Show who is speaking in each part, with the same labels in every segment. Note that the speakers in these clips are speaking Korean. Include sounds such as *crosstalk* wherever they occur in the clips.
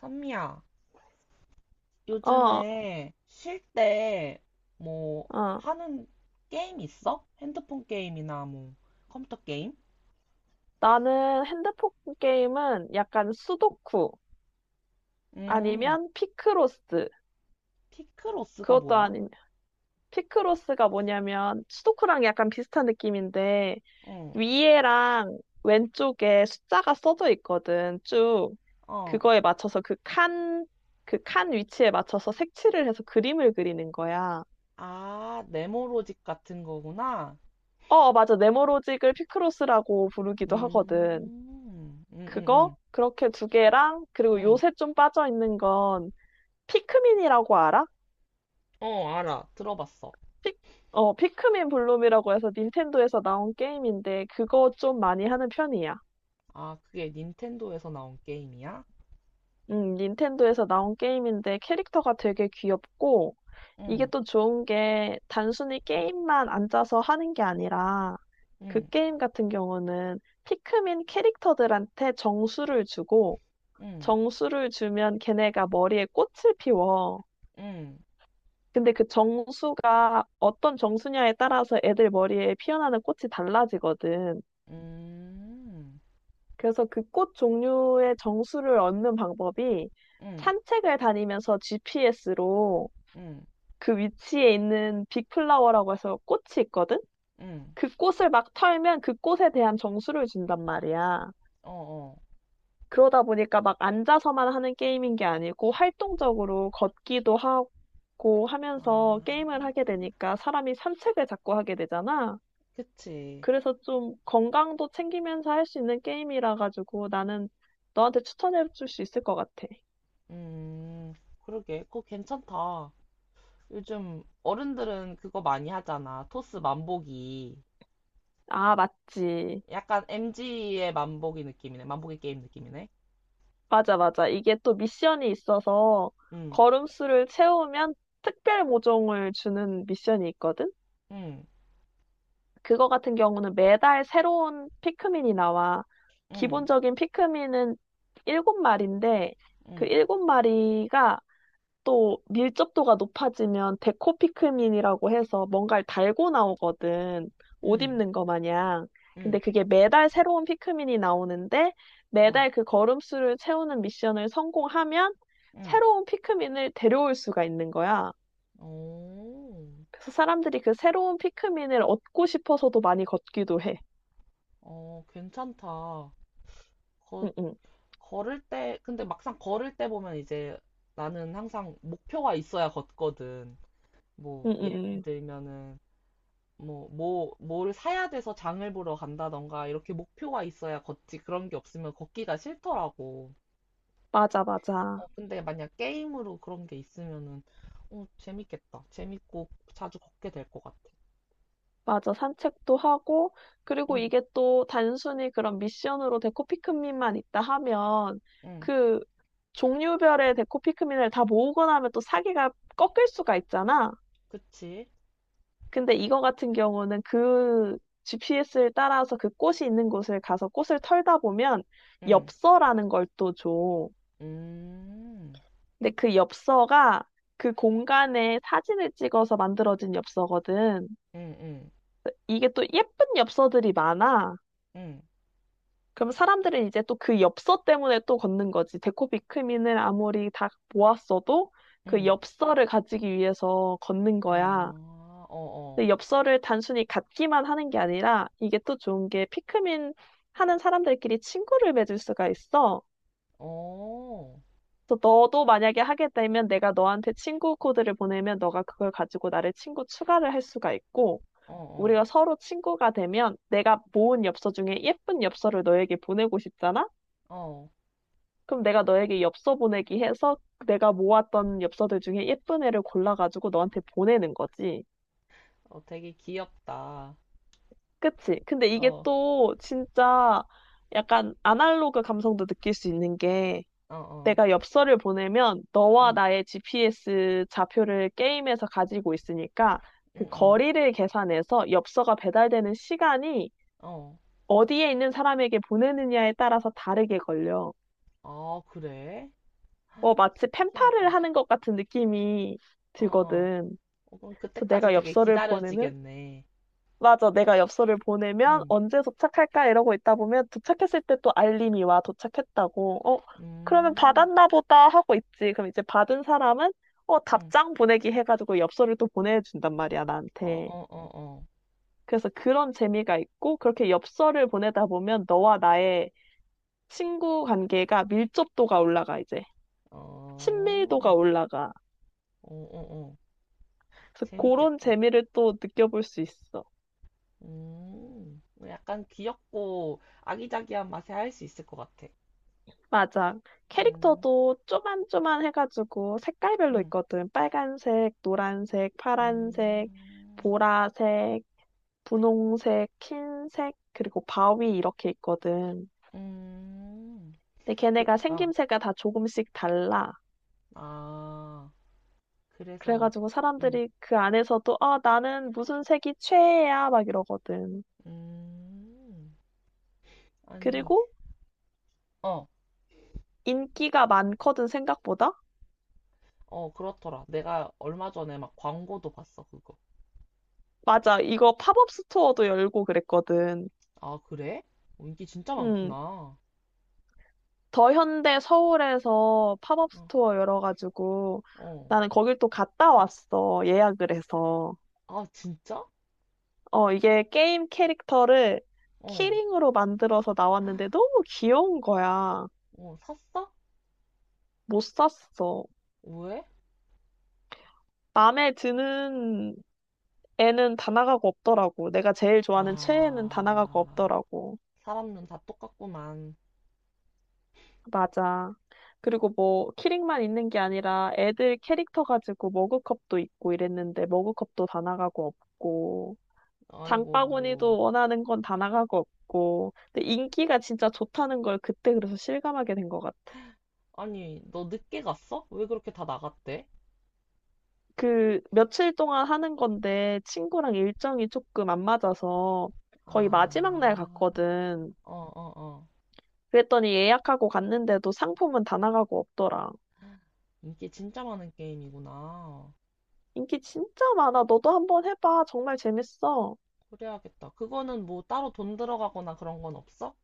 Speaker 1: 선미야,
Speaker 2: 어,
Speaker 1: 요즘에 쉴 때 뭐
Speaker 2: 어.
Speaker 1: 하는 게임 있어? 핸드폰 게임이나 뭐 컴퓨터 게임?
Speaker 2: 나는 핸드폰 게임은 약간 수도쿠
Speaker 1: 음,
Speaker 2: 아니면 피크로스.
Speaker 1: 피크로스가
Speaker 2: 그것도
Speaker 1: 뭐야?
Speaker 2: 아니면 피크로스가 뭐냐면 수도쿠랑 약간 비슷한 느낌인데
Speaker 1: 응,
Speaker 2: 위에랑 왼쪽에 숫자가 써져 있거든. 쭉
Speaker 1: 어.
Speaker 2: 그거에 맞춰서 그 칸, 그 칸 위치에 맞춰서 색칠을 해서 그림을 그리는 거야.
Speaker 1: 아, 네모로직 같은 거구나.
Speaker 2: 어, 맞아. 네모로직을 피크로스라고 부르기도 하거든.
Speaker 1: 음, 음,
Speaker 2: 그거
Speaker 1: 음,
Speaker 2: 그렇게 2개랑
Speaker 1: 음,
Speaker 2: 그리고
Speaker 1: 음.
Speaker 2: 요새 좀 빠져 있는 건 피크민이라고 알아?
Speaker 1: 어, 알아. 들어봤어.
Speaker 2: 피, 피크민 블룸이라고 해서 닌텐도에서 나온 게임인데 그거 좀 많이 하는 편이야.
Speaker 1: 아, 그게 닌텐도에서 나온 게임이야?
Speaker 2: 닌텐도에서 나온 게임인데 캐릭터가 되게 귀엽고 이게
Speaker 1: 응,
Speaker 2: 또 좋은 게 단순히 게임만 앉아서 하는 게 아니라 그
Speaker 1: 응,
Speaker 2: 게임 같은 경우는 피크민 캐릭터들한테 정수를 주고
Speaker 1: 응,
Speaker 2: 정수를 주면 걔네가 머리에 꽃을 피워.
Speaker 1: 응,
Speaker 2: 근데 그 정수가 어떤 정수냐에 따라서 애들 머리에 피어나는 꽃이 달라지거든.
Speaker 1: 응, 응,
Speaker 2: 그래서 그 꽃 종류의 정수를 얻는 방법이
Speaker 1: 응,
Speaker 2: 산책을 다니면서 GPS로
Speaker 1: 응,
Speaker 2: 그 위치에 있는 빅플라워라고 해서 꽃이 있거든?
Speaker 1: 응,
Speaker 2: 그 꽃을 막 털면 그 꽃에 대한 정수를 준단 말이야.
Speaker 1: 어, 어.
Speaker 2: 그러다 보니까 막 앉아서만 하는 게임인 게 아니고 활동적으로 걷기도 하고 하면서
Speaker 1: 아,
Speaker 2: 게임을 하게 되니까 사람이 산책을 자꾸 하게 되잖아.
Speaker 1: 그치.
Speaker 2: 그래서 좀 건강도 챙기면서 할 수 있는 게임이라 가지고 나는 너한테 추천해 줄 수 있을 것 같아.
Speaker 1: 음, 그러게. 그거 괜찮다. 요즘 어른들은 그거 많이 하잖아. 토스 만보기.
Speaker 2: 아, 맞지.
Speaker 1: 약간 MG의 만보기 느낌이네. 만보기 게임 느낌이네.
Speaker 2: 맞아, 맞아. 이게 또 미션이 있어서
Speaker 1: 응,
Speaker 2: 걸음수를 채우면 특별 모종을 주는 미션이 있거든?
Speaker 1: 응,
Speaker 2: 그거 같은 경우는 매달 새로운 피크민이 나와.
Speaker 1: 응,
Speaker 2: 기본적인 피크민은 7마리인데 그
Speaker 1: 응,
Speaker 2: 7마리가 또 밀접도가 높아지면 데코피크민이라고 해서 뭔가를 달고 나오거든. 옷
Speaker 1: 응,
Speaker 2: 입는 거 마냥. 근데
Speaker 1: 응,
Speaker 2: 그게 매달 새로운 피크민이 나오는데
Speaker 1: 어,
Speaker 2: 매달 그 걸음수를 채우는 미션을 성공하면
Speaker 1: 응.
Speaker 2: 새로운 피크민을 데려올 수가 있는 거야.
Speaker 1: 오,
Speaker 2: 그래서 사람들이 그 새로운 피크민을 얻고 싶어서도 많이 걷기도 해.
Speaker 1: 어, 괜찮다. 거,
Speaker 2: 응응.
Speaker 1: 걸을 때, 근데 막상 걸을 때 보면 이제 나는 항상 목표가 있어야 걷거든. 뭐, 예를
Speaker 2: 응응응.
Speaker 1: 들면은, 뭘 사야 돼서 장을 보러 간다던가, 이렇게 목표가 있어야 걷지. 그런 게 없으면 걷기가 싫더라고.
Speaker 2: 맞아,
Speaker 1: 어,
Speaker 2: 맞아.
Speaker 1: 근데 만약 게임으로 그런 게 있으면은, 어, 재밌겠다. 재밌고 자주 걷게 될 것 같아.
Speaker 2: 맞아. 산책도 하고, 그리고
Speaker 1: 응,
Speaker 2: 이게 또 단순히 그런 미션으로 데코 피크민만 있다 하면,
Speaker 1: 응,
Speaker 2: 그 종류별의 데코 피크민을 다 모으고 나면 또 사기가 꺾일 수가 있잖아.
Speaker 1: 그치?
Speaker 2: 근데 이거 같은 경우는 그 GPS를 따라서 그 꽃이 있는 곳을 가서 꽃을 털다 보면
Speaker 1: 응,
Speaker 2: 엽서라는 걸 또 줘.
Speaker 1: 음,
Speaker 2: 근데 그 엽서가 그 공간에 사진을 찍어서 만들어진 엽서거든.
Speaker 1: 응, 응,
Speaker 2: 이게 또 예쁜 엽서들이 많아.
Speaker 1: 응,
Speaker 2: 그럼 사람들은 이제 또 그 엽서 때문에 또 걷는 거지. 데코비크민을 아무리 다 모았어도 그
Speaker 1: 응.
Speaker 2: 엽서를 가지기 위해서 걷는 거야.
Speaker 1: 아, 어,
Speaker 2: 근데 엽서를 단순히 갖기만 하는 게 아니라 이게 또 좋은 게 피크민 하는 사람들끼리 친구를 맺을 수가 있어.
Speaker 1: 어, 어,
Speaker 2: 그래서 너도 만약에 하게 되면 내가 너한테 친구 코드를 보내면 너가 그걸 가지고 나를 친구 추가를 할 수가 있고
Speaker 1: 어, 어,
Speaker 2: 우리가 서로 친구가 되면 내가 모은 엽서 중에 예쁜 엽서를 너에게 보내고 싶잖아?
Speaker 1: 어,
Speaker 2: 그럼 내가 너에게 엽서 보내기 해서 내가 모았던 엽서들 중에 예쁜 애를 골라가지고 너한테 보내는 거지.
Speaker 1: 어, 되게 귀엽다.
Speaker 2: 그치? 근데 이게
Speaker 1: 어,
Speaker 2: 또 진짜 약간 아날로그 감성도 느낄 수 있는 게
Speaker 1: 어, 어,
Speaker 2: 내가 엽서를 보내면 너와
Speaker 1: 응,
Speaker 2: 나의 GPS 좌표를 게임에서 가지고 있으니까
Speaker 1: 응,
Speaker 2: 그
Speaker 1: 응,
Speaker 2: 거리를 계산해서 엽서가 배달되는 시간이
Speaker 1: 어.
Speaker 2: 어디에 있는 사람에게 보내느냐에 따라서 다르게 걸려.
Speaker 1: 아, 그래?
Speaker 2: 뭐 마치 펜팔을
Speaker 1: 신기하다.
Speaker 2: 하는 것 같은 느낌이
Speaker 1: 어, 어.
Speaker 2: 들거든.
Speaker 1: 어, 그럼
Speaker 2: 그래서
Speaker 1: 그때까지
Speaker 2: 내가
Speaker 1: 되게
Speaker 2: 엽서를 보내면
Speaker 1: 기다려지겠네.
Speaker 2: 맞아, 내가 엽서를 보내면
Speaker 1: 응,
Speaker 2: 언제 도착할까 이러고 있다 보면 도착했을 때 또 알림이 와 도착했다고. 어, 그러면
Speaker 1: 음,
Speaker 2: 받았나 보다 하고 있지. 그럼 이제 받은 사람은 어,
Speaker 1: 응.
Speaker 2: 답장 보내기 해가지고 엽서를 또 보내준단 말이야,
Speaker 1: 어,
Speaker 2: 나한테.
Speaker 1: 어, 어, 어.
Speaker 2: 그래서 그런 재미가 있고 그렇게 엽서를 보내다 보면 너와 나의 친구 관계가 밀접도가 올라가 이제 친밀도가
Speaker 1: 어,
Speaker 2: 올라가.
Speaker 1: 어, 어, 어.
Speaker 2: 그래서 그런
Speaker 1: 재밌겠다.
Speaker 2: 재미를 또 느껴볼 수 있어.
Speaker 1: 약간 귀엽고 아기자기한 맛에 할 수 있을 것 같아.
Speaker 2: 맞아.
Speaker 1: 음,
Speaker 2: 캐릭터도 쪼만쪼만 해가지고 색깔별로
Speaker 1: 음,
Speaker 2: 있거든. 빨간색, 노란색, 파란색,
Speaker 1: 음,
Speaker 2: 보라색, 분홍색, 흰색, 그리고 바위 이렇게 있거든.
Speaker 1: 음.
Speaker 2: 근데
Speaker 1: 그,
Speaker 2: 걔네가
Speaker 1: 아,
Speaker 2: 생김새가 다 조금씩 달라.
Speaker 1: 아. 그래서,
Speaker 2: 그래가지고
Speaker 1: 음,
Speaker 2: 사람들이 그 안에서도 아, 나는 무슨 색이 최애야 막 이러거든.
Speaker 1: 음. 아니,
Speaker 2: 그리고
Speaker 1: 어.
Speaker 2: 인기가 많거든 생각보다.
Speaker 1: 어, 그렇더라. 내가 얼마 전에 막 광고도 봤어, 그거.
Speaker 2: 맞아. 이거 팝업 스토어도 열고 그랬거든.
Speaker 1: 아, 그래? 어, 인기 진짜
Speaker 2: 음.
Speaker 1: 많구나.
Speaker 2: 더 현대 서울에서 팝업
Speaker 1: 어,
Speaker 2: 스토어 열어가지고
Speaker 1: 어.
Speaker 2: 나는 거길 또 갔다 왔어. 예약을 해서.
Speaker 1: 아, 진짜?
Speaker 2: 어, 이게 게임 캐릭터를
Speaker 1: 어,
Speaker 2: 키링으로 만들어서 나왔는데 너무 귀여운 거야.
Speaker 1: 어, 샀어?
Speaker 2: 못 샀어.
Speaker 1: 왜?
Speaker 2: 마음에 드는 애는 다나가고 없더라고. 내가 제일 좋아하는 최애는 다나가고
Speaker 1: 아,
Speaker 2: 없더라고.
Speaker 1: 사람은 다 똑같구만.
Speaker 2: 맞아. 그리고 뭐 키링만 있는 게 아니라 애들 캐릭터 가지고 머그컵도 있고 이랬는데 머그컵도 다나가고 없고.
Speaker 1: 아이고.
Speaker 2: 장바구니도 원하는 건 다 나가고 없고. 근데 인기가 진짜 좋다는 걸 그때 그래서 실감하게 된 것 같아.
Speaker 1: 아니, 너 늦게 갔어? 왜 그렇게 다 나갔대?
Speaker 2: 그 며칠 동안 하는 건데 친구랑 일정이 조금 안 맞아서 거의 마지막 날
Speaker 1: 아,
Speaker 2: 갔거든.
Speaker 1: 어, 어, 어.
Speaker 2: 그랬더니 예약하고 갔는데도 상품은 다 나가고 없더라.
Speaker 1: 인기 진짜 많은 게임이구나.
Speaker 2: 인기 진짜 많아. 너도 한번 해봐. 정말 재밌어.
Speaker 1: 그래야겠다. 그거는 뭐 따로 돈 들어가거나 그런 건 없어?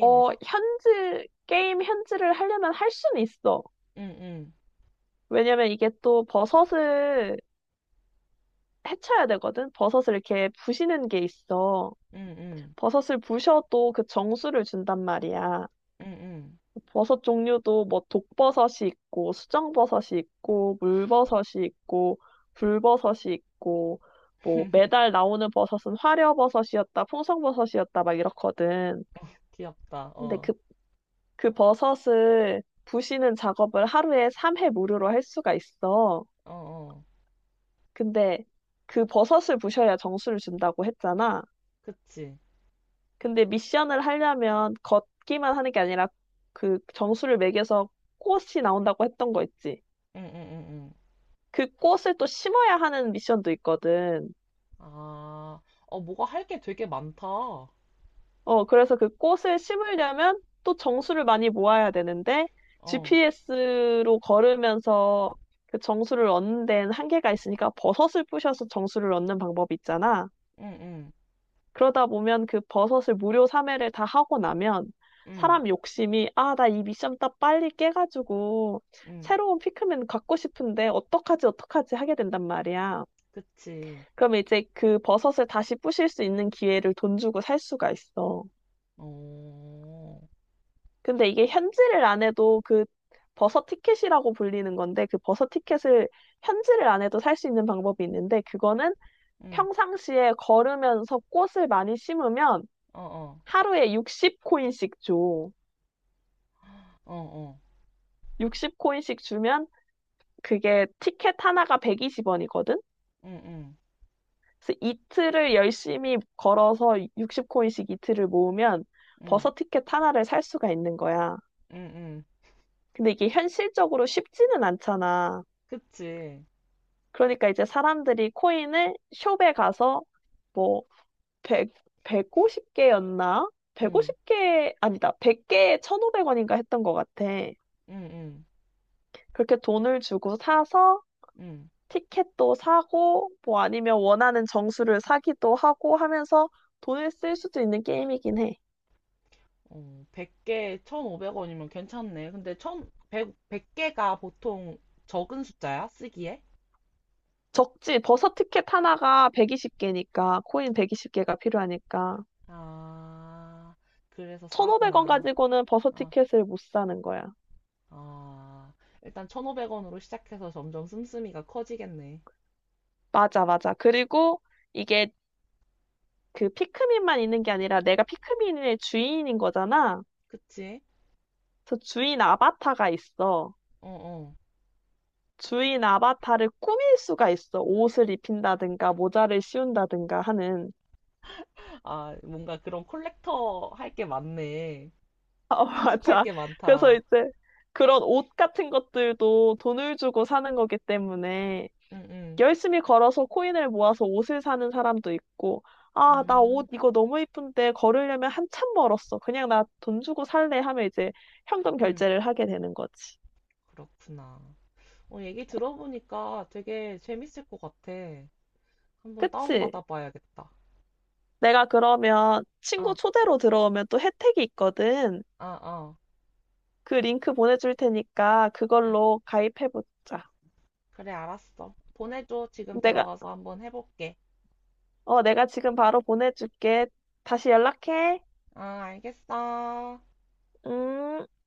Speaker 2: 어, 현질, 게임 현질을 하려면 할 수는 있어.
Speaker 1: 응, 응,
Speaker 2: 왜냐면 이게 또 버섯을 해쳐야 되거든. 버섯을 이렇게 부시는 게 있어.
Speaker 1: 응, 응.
Speaker 2: 버섯을 부셔도 그 정수를 준단 말이야.
Speaker 1: 응, 응.
Speaker 2: 버섯 종류도 뭐 독버섯이 있고 수정버섯이 있고 물버섯이 있고 불버섯이 있고 뭐
Speaker 1: *laughs*
Speaker 2: 매달 나오는 버섯은 화려버섯이었다, 풍성버섯이었다 막 이렇거든.
Speaker 1: 귀엽다.
Speaker 2: 근데
Speaker 1: 어,
Speaker 2: 그 버섯을 부시는 작업을 하루에 3회 무료로 할 수가 있어.
Speaker 1: 어, 어.
Speaker 2: 근데 그 버섯을 부셔야 정수를 준다고 했잖아.
Speaker 1: 그치.
Speaker 2: 근데 미션을 하려면 걷기만 하는 게 아니라 그 정수를 매겨서 꽃이 나온다고 했던 거 있지.
Speaker 1: 응, 응, 응, 응.
Speaker 2: 그 꽃을 또 심어야 하는 미션도 있거든.
Speaker 1: 아, 어, 뭐가 할게 되게 많다. 어,
Speaker 2: 어, 그래서 그 꽃을 심으려면 또 정수를 많이 모아야 되는데 GPS로 걸으면서 그 정수를 얻는 데는 한계가 있으니까 버섯을 부셔서 정수를 얻는 방법이 있잖아.
Speaker 1: 응, 응,
Speaker 2: 그러다 보면 그 버섯을 무료 3회를 다 하고 나면
Speaker 1: 응,
Speaker 2: 사람 욕심이 아, 나 이 미션 딱 빨리 깨가지고
Speaker 1: 응.
Speaker 2: 새로운 피크맨 갖고 싶은데 어떡하지 어떡하지 하게 된단 말이야.
Speaker 1: 그치.
Speaker 2: 그러면 이제 그 버섯을 다시 부실 수 있는 기회를 돈 주고 살 수가 있어.
Speaker 1: 어,
Speaker 2: 근데 이게 현질을 안 해도 그 버섯 티켓이라고 불리는 건데 그 버섯 티켓을 현질을 안 해도 살 수 있는 방법이 있는데 그거는
Speaker 1: 응,
Speaker 2: 평상시에 걸으면서 꽃을 많이 심으면
Speaker 1: 어, 어,
Speaker 2: 하루에 60코인씩 줘.
Speaker 1: 어, 어.
Speaker 2: 60코인씩 주면 그게 티켓 하나가 120원이거든?
Speaker 1: 응, 응,
Speaker 2: 그래서 이틀을 열심히 걸어서 60코인씩 이틀을 모으면
Speaker 1: 응,
Speaker 2: 버서 티켓 하나를 살 수가 있는 거야.
Speaker 1: 응, 응.
Speaker 2: 근데 이게 현실적으로 쉽지는 않잖아.
Speaker 1: 그치.
Speaker 2: 그러니까 이제 사람들이 코인을 숍에 가서 뭐 100, 150개였나?
Speaker 1: 응,
Speaker 2: 150개, 아니다. 100개에 1,500원인가 했던 것 같아.
Speaker 1: 응, 응,
Speaker 2: 그렇게 돈을 주고 사서
Speaker 1: 응.
Speaker 2: 티켓도 사고, 뭐 아니면 원하는 정수를 사기도 하고 하면서 돈을 쓸 수도 있는 게임이긴 해.
Speaker 1: 어, 100개, 1,500원이면 괜찮네. 근데 천 백백 100개가 보통 적은 숫자야? 쓰기에?
Speaker 2: 적지, 버섯 티켓 하나가 120개니까, 코인 120개가 필요하니까.
Speaker 1: 아, 그래서
Speaker 2: 1,500원
Speaker 1: 싸구나.
Speaker 2: 가지고는 버섯
Speaker 1: 아,
Speaker 2: 티켓을 못 사는 거야.
Speaker 1: 아. 일단 1,500원으로 시작해서 점점 씀씀이가 커지겠네.
Speaker 2: 맞아, 맞아. 그리고 이게 그 피크민만 있는 게 아니라 내가 피크민의 주인인 거잖아.
Speaker 1: 그치?
Speaker 2: 그 주인 아바타가 있어.
Speaker 1: 어, 어.
Speaker 2: 주인 아바타를 꾸밀 수가 있어. 옷을 입힌다든가, 모자를 씌운다든가 하는.
Speaker 1: 아, 뭔가 그런 콜렉터 할 게 많네.
Speaker 2: *laughs*
Speaker 1: 수집할
Speaker 2: 맞아.
Speaker 1: 게
Speaker 2: 그래서
Speaker 1: 많다.
Speaker 2: 이제 그런 옷 같은 것들도 돈을 주고 사는 거기 때문에
Speaker 1: 응, 응.
Speaker 2: 열심히 걸어서 코인을 모아서 옷을 사는 사람도 있고, 아, 나 옷
Speaker 1: 음,
Speaker 2: 이거 너무 이쁜데 걸으려면 한참 멀었어. 그냥 나 돈 주고 살래 하면 이제 현금
Speaker 1: 응.
Speaker 2: 결제를 하게 되는 거지.
Speaker 1: 그렇구나. 어, 얘기 들어보니까 되게 재밌을 것 같아. 한번
Speaker 2: 그치?
Speaker 1: 다운받아 봐야겠다.
Speaker 2: 내가 그러면 친구
Speaker 1: 아,
Speaker 2: 초대로 들어오면 또 혜택이 있거든.
Speaker 1: 아, 아.
Speaker 2: 그 링크 보내줄 테니까
Speaker 1: 아,
Speaker 2: 그걸로 가입해보자.
Speaker 1: 그래, 알았어. 보내줘. 지금
Speaker 2: 내가,
Speaker 1: 들어가서 한번 해볼게.
Speaker 2: 내가 지금 바로 보내줄게. 다시 연락해.
Speaker 1: 아, 알겠어.
Speaker 2: 음.